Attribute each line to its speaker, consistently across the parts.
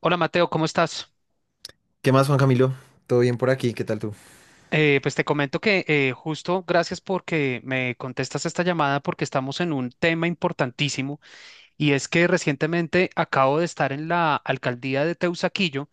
Speaker 1: Hola Mateo, ¿cómo estás?
Speaker 2: ¿Qué más, Juan Camilo? ¿Todo bien por aquí? ¿Qué tal tú?
Speaker 1: Pues te comento que justo gracias porque me contestas esta llamada porque estamos en un tema importantísimo y es que recientemente acabo de estar en la alcaldía de Teusaquillo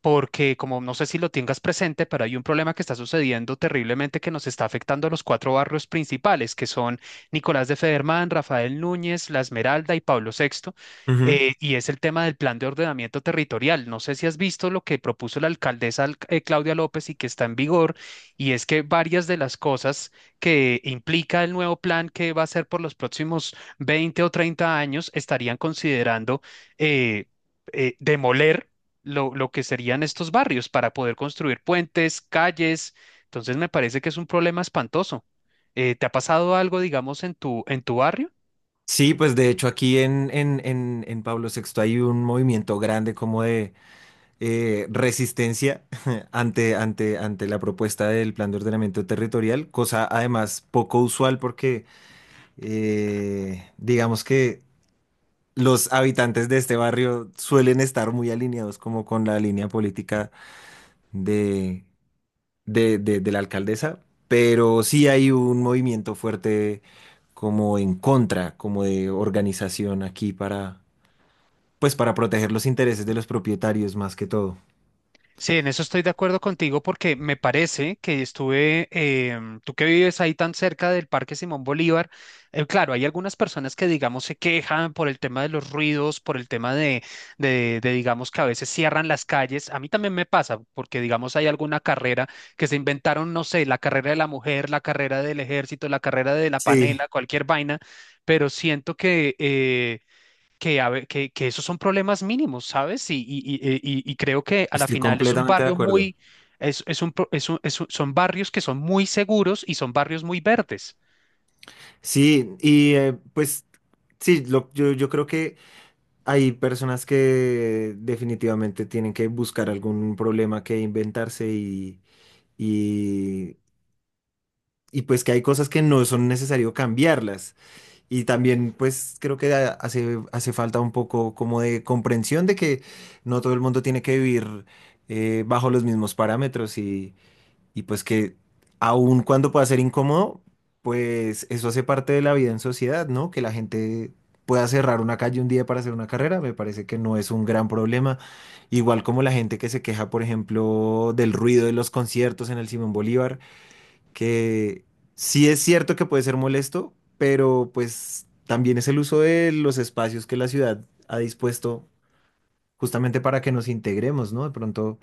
Speaker 1: porque como no sé si lo tengas presente, pero hay un problema que está sucediendo terriblemente que nos está afectando a los cuatro barrios principales, que son Nicolás de Federman, Rafael Núñez, La Esmeralda y Pablo Sexto.
Speaker 2: Ujú.
Speaker 1: Y es el tema del plan de ordenamiento territorial. No sé si has visto lo que propuso la alcaldesa, Claudia López, y que está en vigor, y es que varias de las cosas que implica el nuevo plan que va a ser por los próximos 20 o 30 años estarían considerando eh, demoler lo que serían estos barrios para poder construir puentes, calles. Entonces me parece que es un problema espantoso. ¿Te ha pasado algo, digamos, en tu barrio?
Speaker 2: Sí, pues de hecho aquí en Pablo Sexto hay un movimiento grande como de resistencia ante la propuesta del plan de ordenamiento territorial, cosa además poco usual porque digamos que los habitantes de este barrio suelen estar muy alineados como con la línea política de de la alcaldesa, pero sí hay un movimiento fuerte como en contra, como de organización aquí pues para proteger los intereses de los propietarios más que todo.
Speaker 1: Sí, en eso estoy de acuerdo contigo porque me parece que tú que vives ahí tan cerca del Parque Simón Bolívar, claro, hay algunas personas que digamos se quejan por el tema de los ruidos, por el tema de, digamos que a veces cierran las calles. A mí también me pasa porque digamos hay alguna carrera que se inventaron, no sé, la carrera de la mujer, la carrera del ejército, la carrera de la
Speaker 2: Sí.
Speaker 1: panela, cualquier vaina, pero siento que que esos son problemas mínimos, ¿sabes? Y creo que a la
Speaker 2: Estoy
Speaker 1: final es un
Speaker 2: completamente de
Speaker 1: barrio
Speaker 2: acuerdo.
Speaker 1: muy, es un, pro- es un- son barrios que son muy seguros y son barrios muy verdes.
Speaker 2: Sí, y pues sí, yo creo que hay personas que definitivamente tienen que buscar algún problema que inventarse, y, y pues que hay cosas que no son necesario cambiarlas. Y también, pues, creo que hace falta un poco como de comprensión de que no todo el mundo tiene que vivir bajo los mismos parámetros y, pues que aun cuando pueda ser incómodo, pues eso hace parte de la vida en sociedad, ¿no? Que la gente pueda cerrar una calle un día para hacer una carrera, me parece que no es un gran problema. Igual como la gente que se queja, por ejemplo, del ruido de los conciertos en el Simón Bolívar, que sí es cierto que puede ser molesto, pero pues también es el uso de los espacios que la ciudad ha dispuesto justamente para que nos integremos, ¿no? De pronto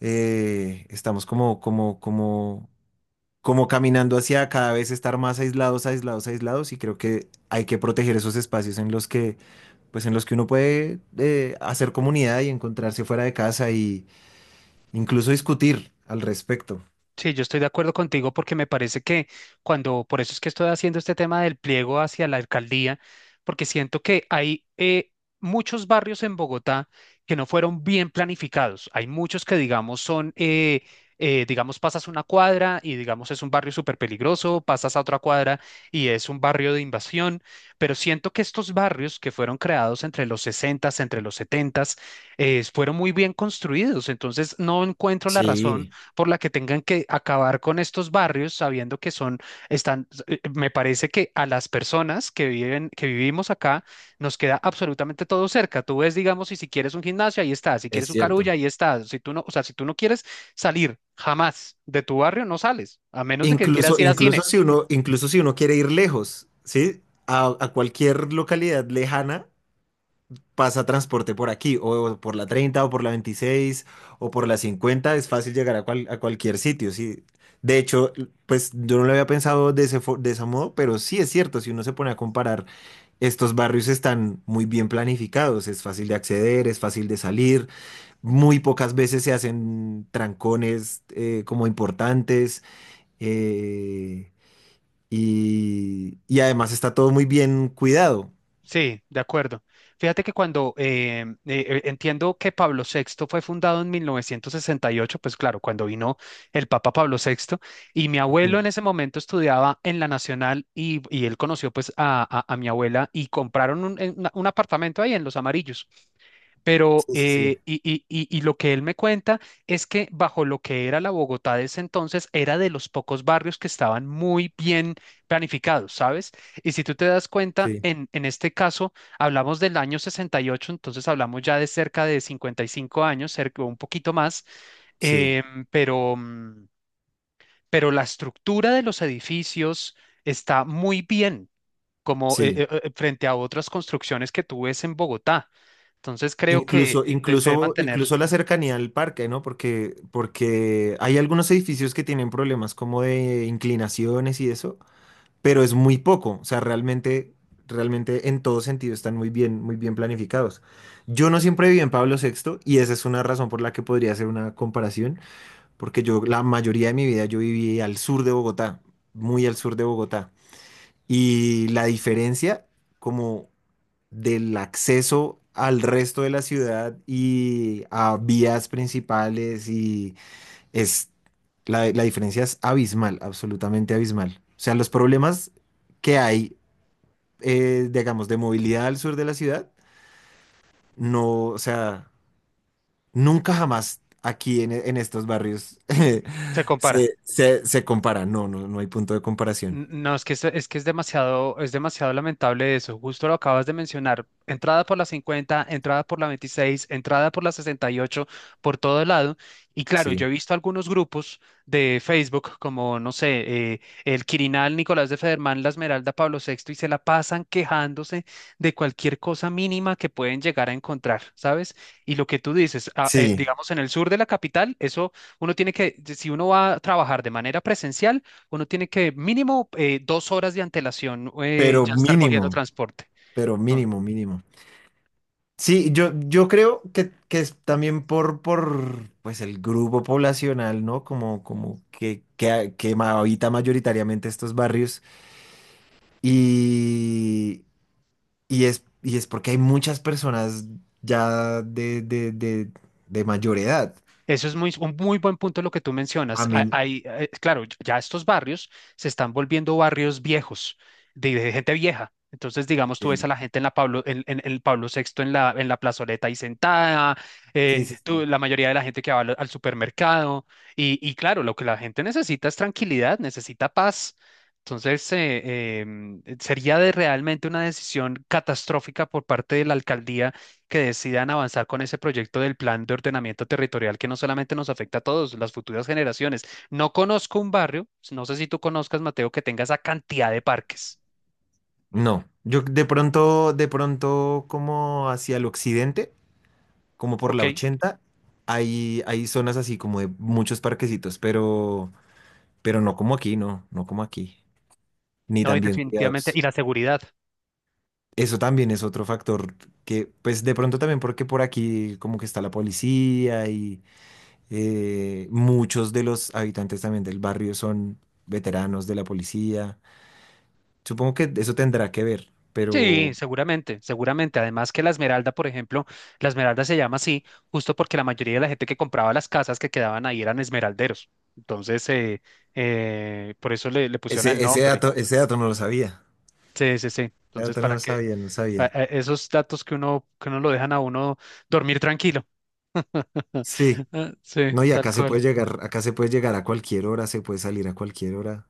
Speaker 2: estamos como caminando hacia cada vez estar más aislados, aislados, aislados, y creo que hay que proteger esos espacios en los que, pues en los que uno puede hacer comunidad y encontrarse fuera de casa y incluso discutir al respecto.
Speaker 1: Sí, yo estoy de acuerdo contigo porque me parece que por eso es que estoy haciendo este tema del pliego hacia la alcaldía, porque siento que hay muchos barrios en Bogotá que no fueron bien planificados. Hay muchos que, digamos, digamos, pasas una cuadra y, digamos, es un barrio súper peligroso, pasas a otra cuadra y es un barrio de invasión, pero siento que estos barrios que fueron creados entre los sesenta, entre los 70 fueron muy bien construidos. Entonces, no encuentro la razón
Speaker 2: Sí,
Speaker 1: por la que tengan que acabar con estos barrios sabiendo que me parece que a las personas que viven, que vivimos acá, nos queda absolutamente todo cerca. Tú ves, digamos, y si quieres un gimnasio, ahí está, si
Speaker 2: es
Speaker 1: quieres un carulla,
Speaker 2: cierto.
Speaker 1: ahí está. Si tú no, o sea, si tú no quieres salir jamás de tu barrio, no sales, a menos de que quieras
Speaker 2: Incluso,
Speaker 1: ir a
Speaker 2: incluso
Speaker 1: cine.
Speaker 2: si uno, incluso si uno quiere ir lejos, ¿sí? A cualquier localidad lejana pasa transporte por aquí, o por la 30 o por la 26 o por la 50. Es fácil llegar a cualquier sitio, ¿sí? De hecho, pues yo no lo había pensado de ese modo, pero sí es cierto, si uno se pone a comparar, estos barrios están muy bien planificados, es fácil de acceder, es fácil de salir, muy pocas veces se hacen trancones como importantes. eh, y, además está todo muy bien cuidado.
Speaker 1: Sí, de acuerdo. Fíjate que cuando entiendo que Pablo VI fue fundado en 1968, pues claro, cuando vino el Papa Pablo VI, y mi abuelo
Speaker 2: Ujú.
Speaker 1: en ese momento estudiaba en la Nacional y él conoció pues a mi abuela y compraron un apartamento ahí en Los Amarillos. Pero,
Speaker 2: Sí, sí, sí,
Speaker 1: y lo que él me cuenta es que bajo lo que era la Bogotá de ese entonces, era de los pocos barrios que estaban muy bien planificados, ¿sabes? Y si tú te das cuenta,
Speaker 2: sí,
Speaker 1: en este caso hablamos del año 68, entonces hablamos ya de cerca de 55 años, cerca, un poquito más,
Speaker 2: sí,
Speaker 1: em, pero, mm, pero la estructura de los edificios está muy bien como
Speaker 2: sí.
Speaker 1: frente a otras construcciones que tú ves en Bogotá. Entonces creo que
Speaker 2: Incluso,
Speaker 1: se debe
Speaker 2: incluso,
Speaker 1: mantener,
Speaker 2: incluso la cercanía al parque, ¿no? Porque hay algunos edificios que tienen problemas como de inclinaciones y eso, pero es muy poco. O sea, realmente, en todo sentido están muy bien planificados. Yo no siempre viví en Pablo Sexto y esa es una razón por la que podría hacer una comparación, porque yo la mayoría de mi vida yo viví al sur de Bogotá, muy al sur de Bogotá. Y la diferencia como del acceso al resto de la ciudad y a vías principales, y es la diferencia es abismal, absolutamente abismal. O sea, los problemas que hay, digamos, de movilidad al sur de la ciudad, no, o sea, nunca jamás aquí en, estos barrios
Speaker 1: se compara.
Speaker 2: se compara. No, no, no hay punto de comparación.
Speaker 1: No, es que es demasiado lamentable eso. Justo lo acabas de mencionar. Entrada por la 50, entrada por la 26, entrada por la 68, por todo lado. Y claro, yo he
Speaker 2: Sí.
Speaker 1: visto algunos grupos de Facebook, como, no sé, el Quirinal, Nicolás de Federman, La Esmeralda, Pablo Sexto, y se la pasan quejándose de cualquier cosa mínima que pueden llegar a encontrar, ¿sabes? Y lo que tú dices,
Speaker 2: Sí,
Speaker 1: digamos, en el sur de la capital, eso uno tiene que, si uno va a trabajar de manera presencial, uno tiene que mínimo 2 horas de antelación
Speaker 2: pero
Speaker 1: ya estar cogiendo
Speaker 2: mínimo.
Speaker 1: transporte.
Speaker 2: Pero
Speaker 1: Mm.
Speaker 2: mínimo, mínimo. Sí, yo creo que, es también por pues el grupo poblacional, ¿no? Como que, que habita mayoritariamente estos barrios. Y, y es porque hay muchas personas ya de mayor edad.
Speaker 1: Eso es muy, un muy buen punto lo que tú
Speaker 2: A
Speaker 1: mencionas.
Speaker 2: mí,
Speaker 1: Hay, claro, ya estos barrios se están volviendo barrios viejos, de gente vieja. Entonces, digamos, tú ves a
Speaker 2: Sí.
Speaker 1: la gente en la Pablo, en el Pablo Sexto en la plazoleta ahí sentada,
Speaker 2: Sí, sí, sí.
Speaker 1: la mayoría de la gente que va al supermercado. Y claro, lo que la gente necesita es tranquilidad, necesita paz. Entonces, sería de realmente una decisión catastrófica por parte de la alcaldía que decidan avanzar con ese proyecto del plan de ordenamiento territorial que no solamente nos afecta a todos, las futuras generaciones. No conozco un barrio, no sé si tú conozcas, Mateo, que tenga esa cantidad de parques.
Speaker 2: No. Yo de pronto, como hacia el occidente, como por
Speaker 1: Ok,
Speaker 2: la 80, hay zonas así como de muchos parquecitos, pero, no como aquí, no, no como aquí, ni
Speaker 1: no, y
Speaker 2: tan bien
Speaker 1: definitivamente.
Speaker 2: cuidados.
Speaker 1: Y la seguridad.
Speaker 2: Eso también es otro factor que, pues de pronto también porque por aquí como que está la policía y muchos de los habitantes también del barrio son veteranos de la policía. Supongo que eso tendrá que ver,
Speaker 1: Sí,
Speaker 2: pero
Speaker 1: seguramente, seguramente. Además que la Esmeralda, por ejemplo, la Esmeralda se llama así justo porque la mayoría de la gente que compraba las casas que quedaban ahí eran esmeralderos. Entonces, por eso le pusieron el
Speaker 2: ese, ese
Speaker 1: nombre.
Speaker 2: dato, ese dato no lo sabía.
Speaker 1: Sí, sí, sí.
Speaker 2: Ese
Speaker 1: Entonces,
Speaker 2: dato no
Speaker 1: para
Speaker 2: lo
Speaker 1: que
Speaker 2: sabía, no sabía.
Speaker 1: esos datos que que uno lo dejan a uno dormir tranquilo.
Speaker 2: Sí.
Speaker 1: Ah, sí,
Speaker 2: No, y
Speaker 1: tal
Speaker 2: acá se
Speaker 1: cual.
Speaker 2: puede llegar, acá se puede llegar a cualquier hora, se puede salir a cualquier hora.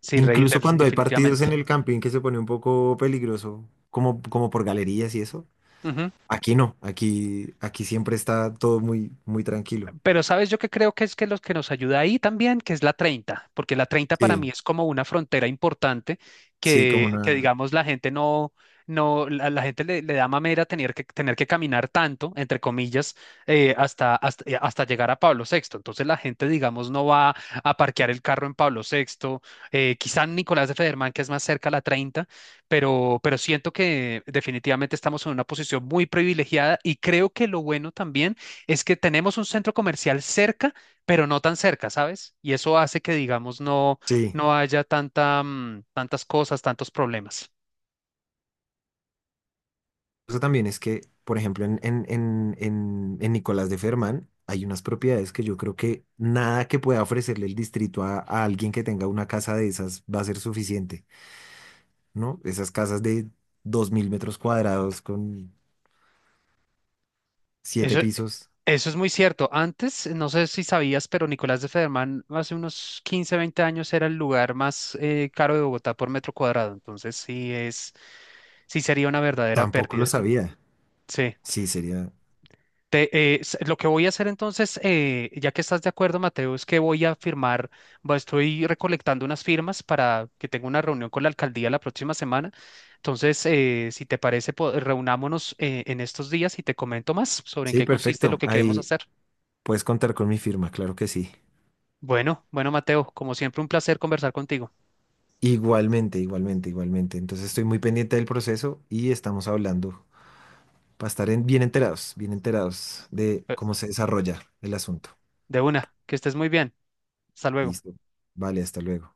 Speaker 1: Sí, rey,
Speaker 2: Incluso cuando hay partidos
Speaker 1: definitivamente.
Speaker 2: en el camping, que se pone un poco peligroso, como, como por galerías y eso.
Speaker 1: Ujú.
Speaker 2: Aquí no, aquí siempre está todo muy, muy tranquilo.
Speaker 1: Pero sabes, yo que creo que es que los que nos ayuda ahí también, que es la 30 porque la 30 para mí
Speaker 2: Sí,
Speaker 1: es como una frontera importante
Speaker 2: sí, como
Speaker 1: que
Speaker 2: una.
Speaker 1: digamos, la gente no, no, la gente le da mamera tener que caminar tanto, entre comillas, hasta llegar a Pablo Sexto. Entonces la gente, digamos, no va a parquear el carro en Pablo Sexto, quizá en Nicolás de Federman, que es más cerca a la 30, pero siento que definitivamente estamos en una posición muy privilegiada y creo que lo bueno también es que tenemos un centro comercial cerca, pero no tan cerca, ¿sabes? Y eso hace que, digamos,
Speaker 2: Sí.
Speaker 1: no haya tantas cosas, tantos problemas.
Speaker 2: Eso también es que, por ejemplo, en Nicolás de Fermán hay unas propiedades que yo creo que nada que pueda ofrecerle el distrito a, alguien que tenga una casa de esas va a ser suficiente, ¿no? Esas casas de 2.000 metros cuadrados con siete
Speaker 1: Eso,
Speaker 2: pisos.
Speaker 1: eso es muy cierto. Antes, no sé si sabías, pero Nicolás de Federman hace unos 15 o 20 años era el lugar más caro de Bogotá por metro cuadrado. Entonces, sí sería una verdadera
Speaker 2: Tampoco lo
Speaker 1: pérdida.
Speaker 2: sabía.
Speaker 1: Sí.
Speaker 2: Sí, sería.
Speaker 1: Te- lo que voy a hacer entonces, ya que estás de acuerdo, Mateo, es que voy a estoy recolectando unas firmas para que tenga una reunión con la alcaldía la próxima semana. Entonces, si te parece, reunámonos en estos días y te comento más sobre en
Speaker 2: Sí,
Speaker 1: qué consiste lo
Speaker 2: perfecto.
Speaker 1: que queremos
Speaker 2: Ahí
Speaker 1: hacer.
Speaker 2: puedes contar con mi firma, claro que sí.
Speaker 1: Bueno, bueno, Mateo, como siempre, un placer conversar contigo.
Speaker 2: Igualmente, igualmente, igualmente. Entonces estoy muy pendiente del proceso y estamos hablando para estar bien enterados de
Speaker 1: Eh,
Speaker 2: cómo se desarrolla el asunto.
Speaker 1: De una, que estés muy bien. Hasta luego.
Speaker 2: Listo. Vale, hasta luego.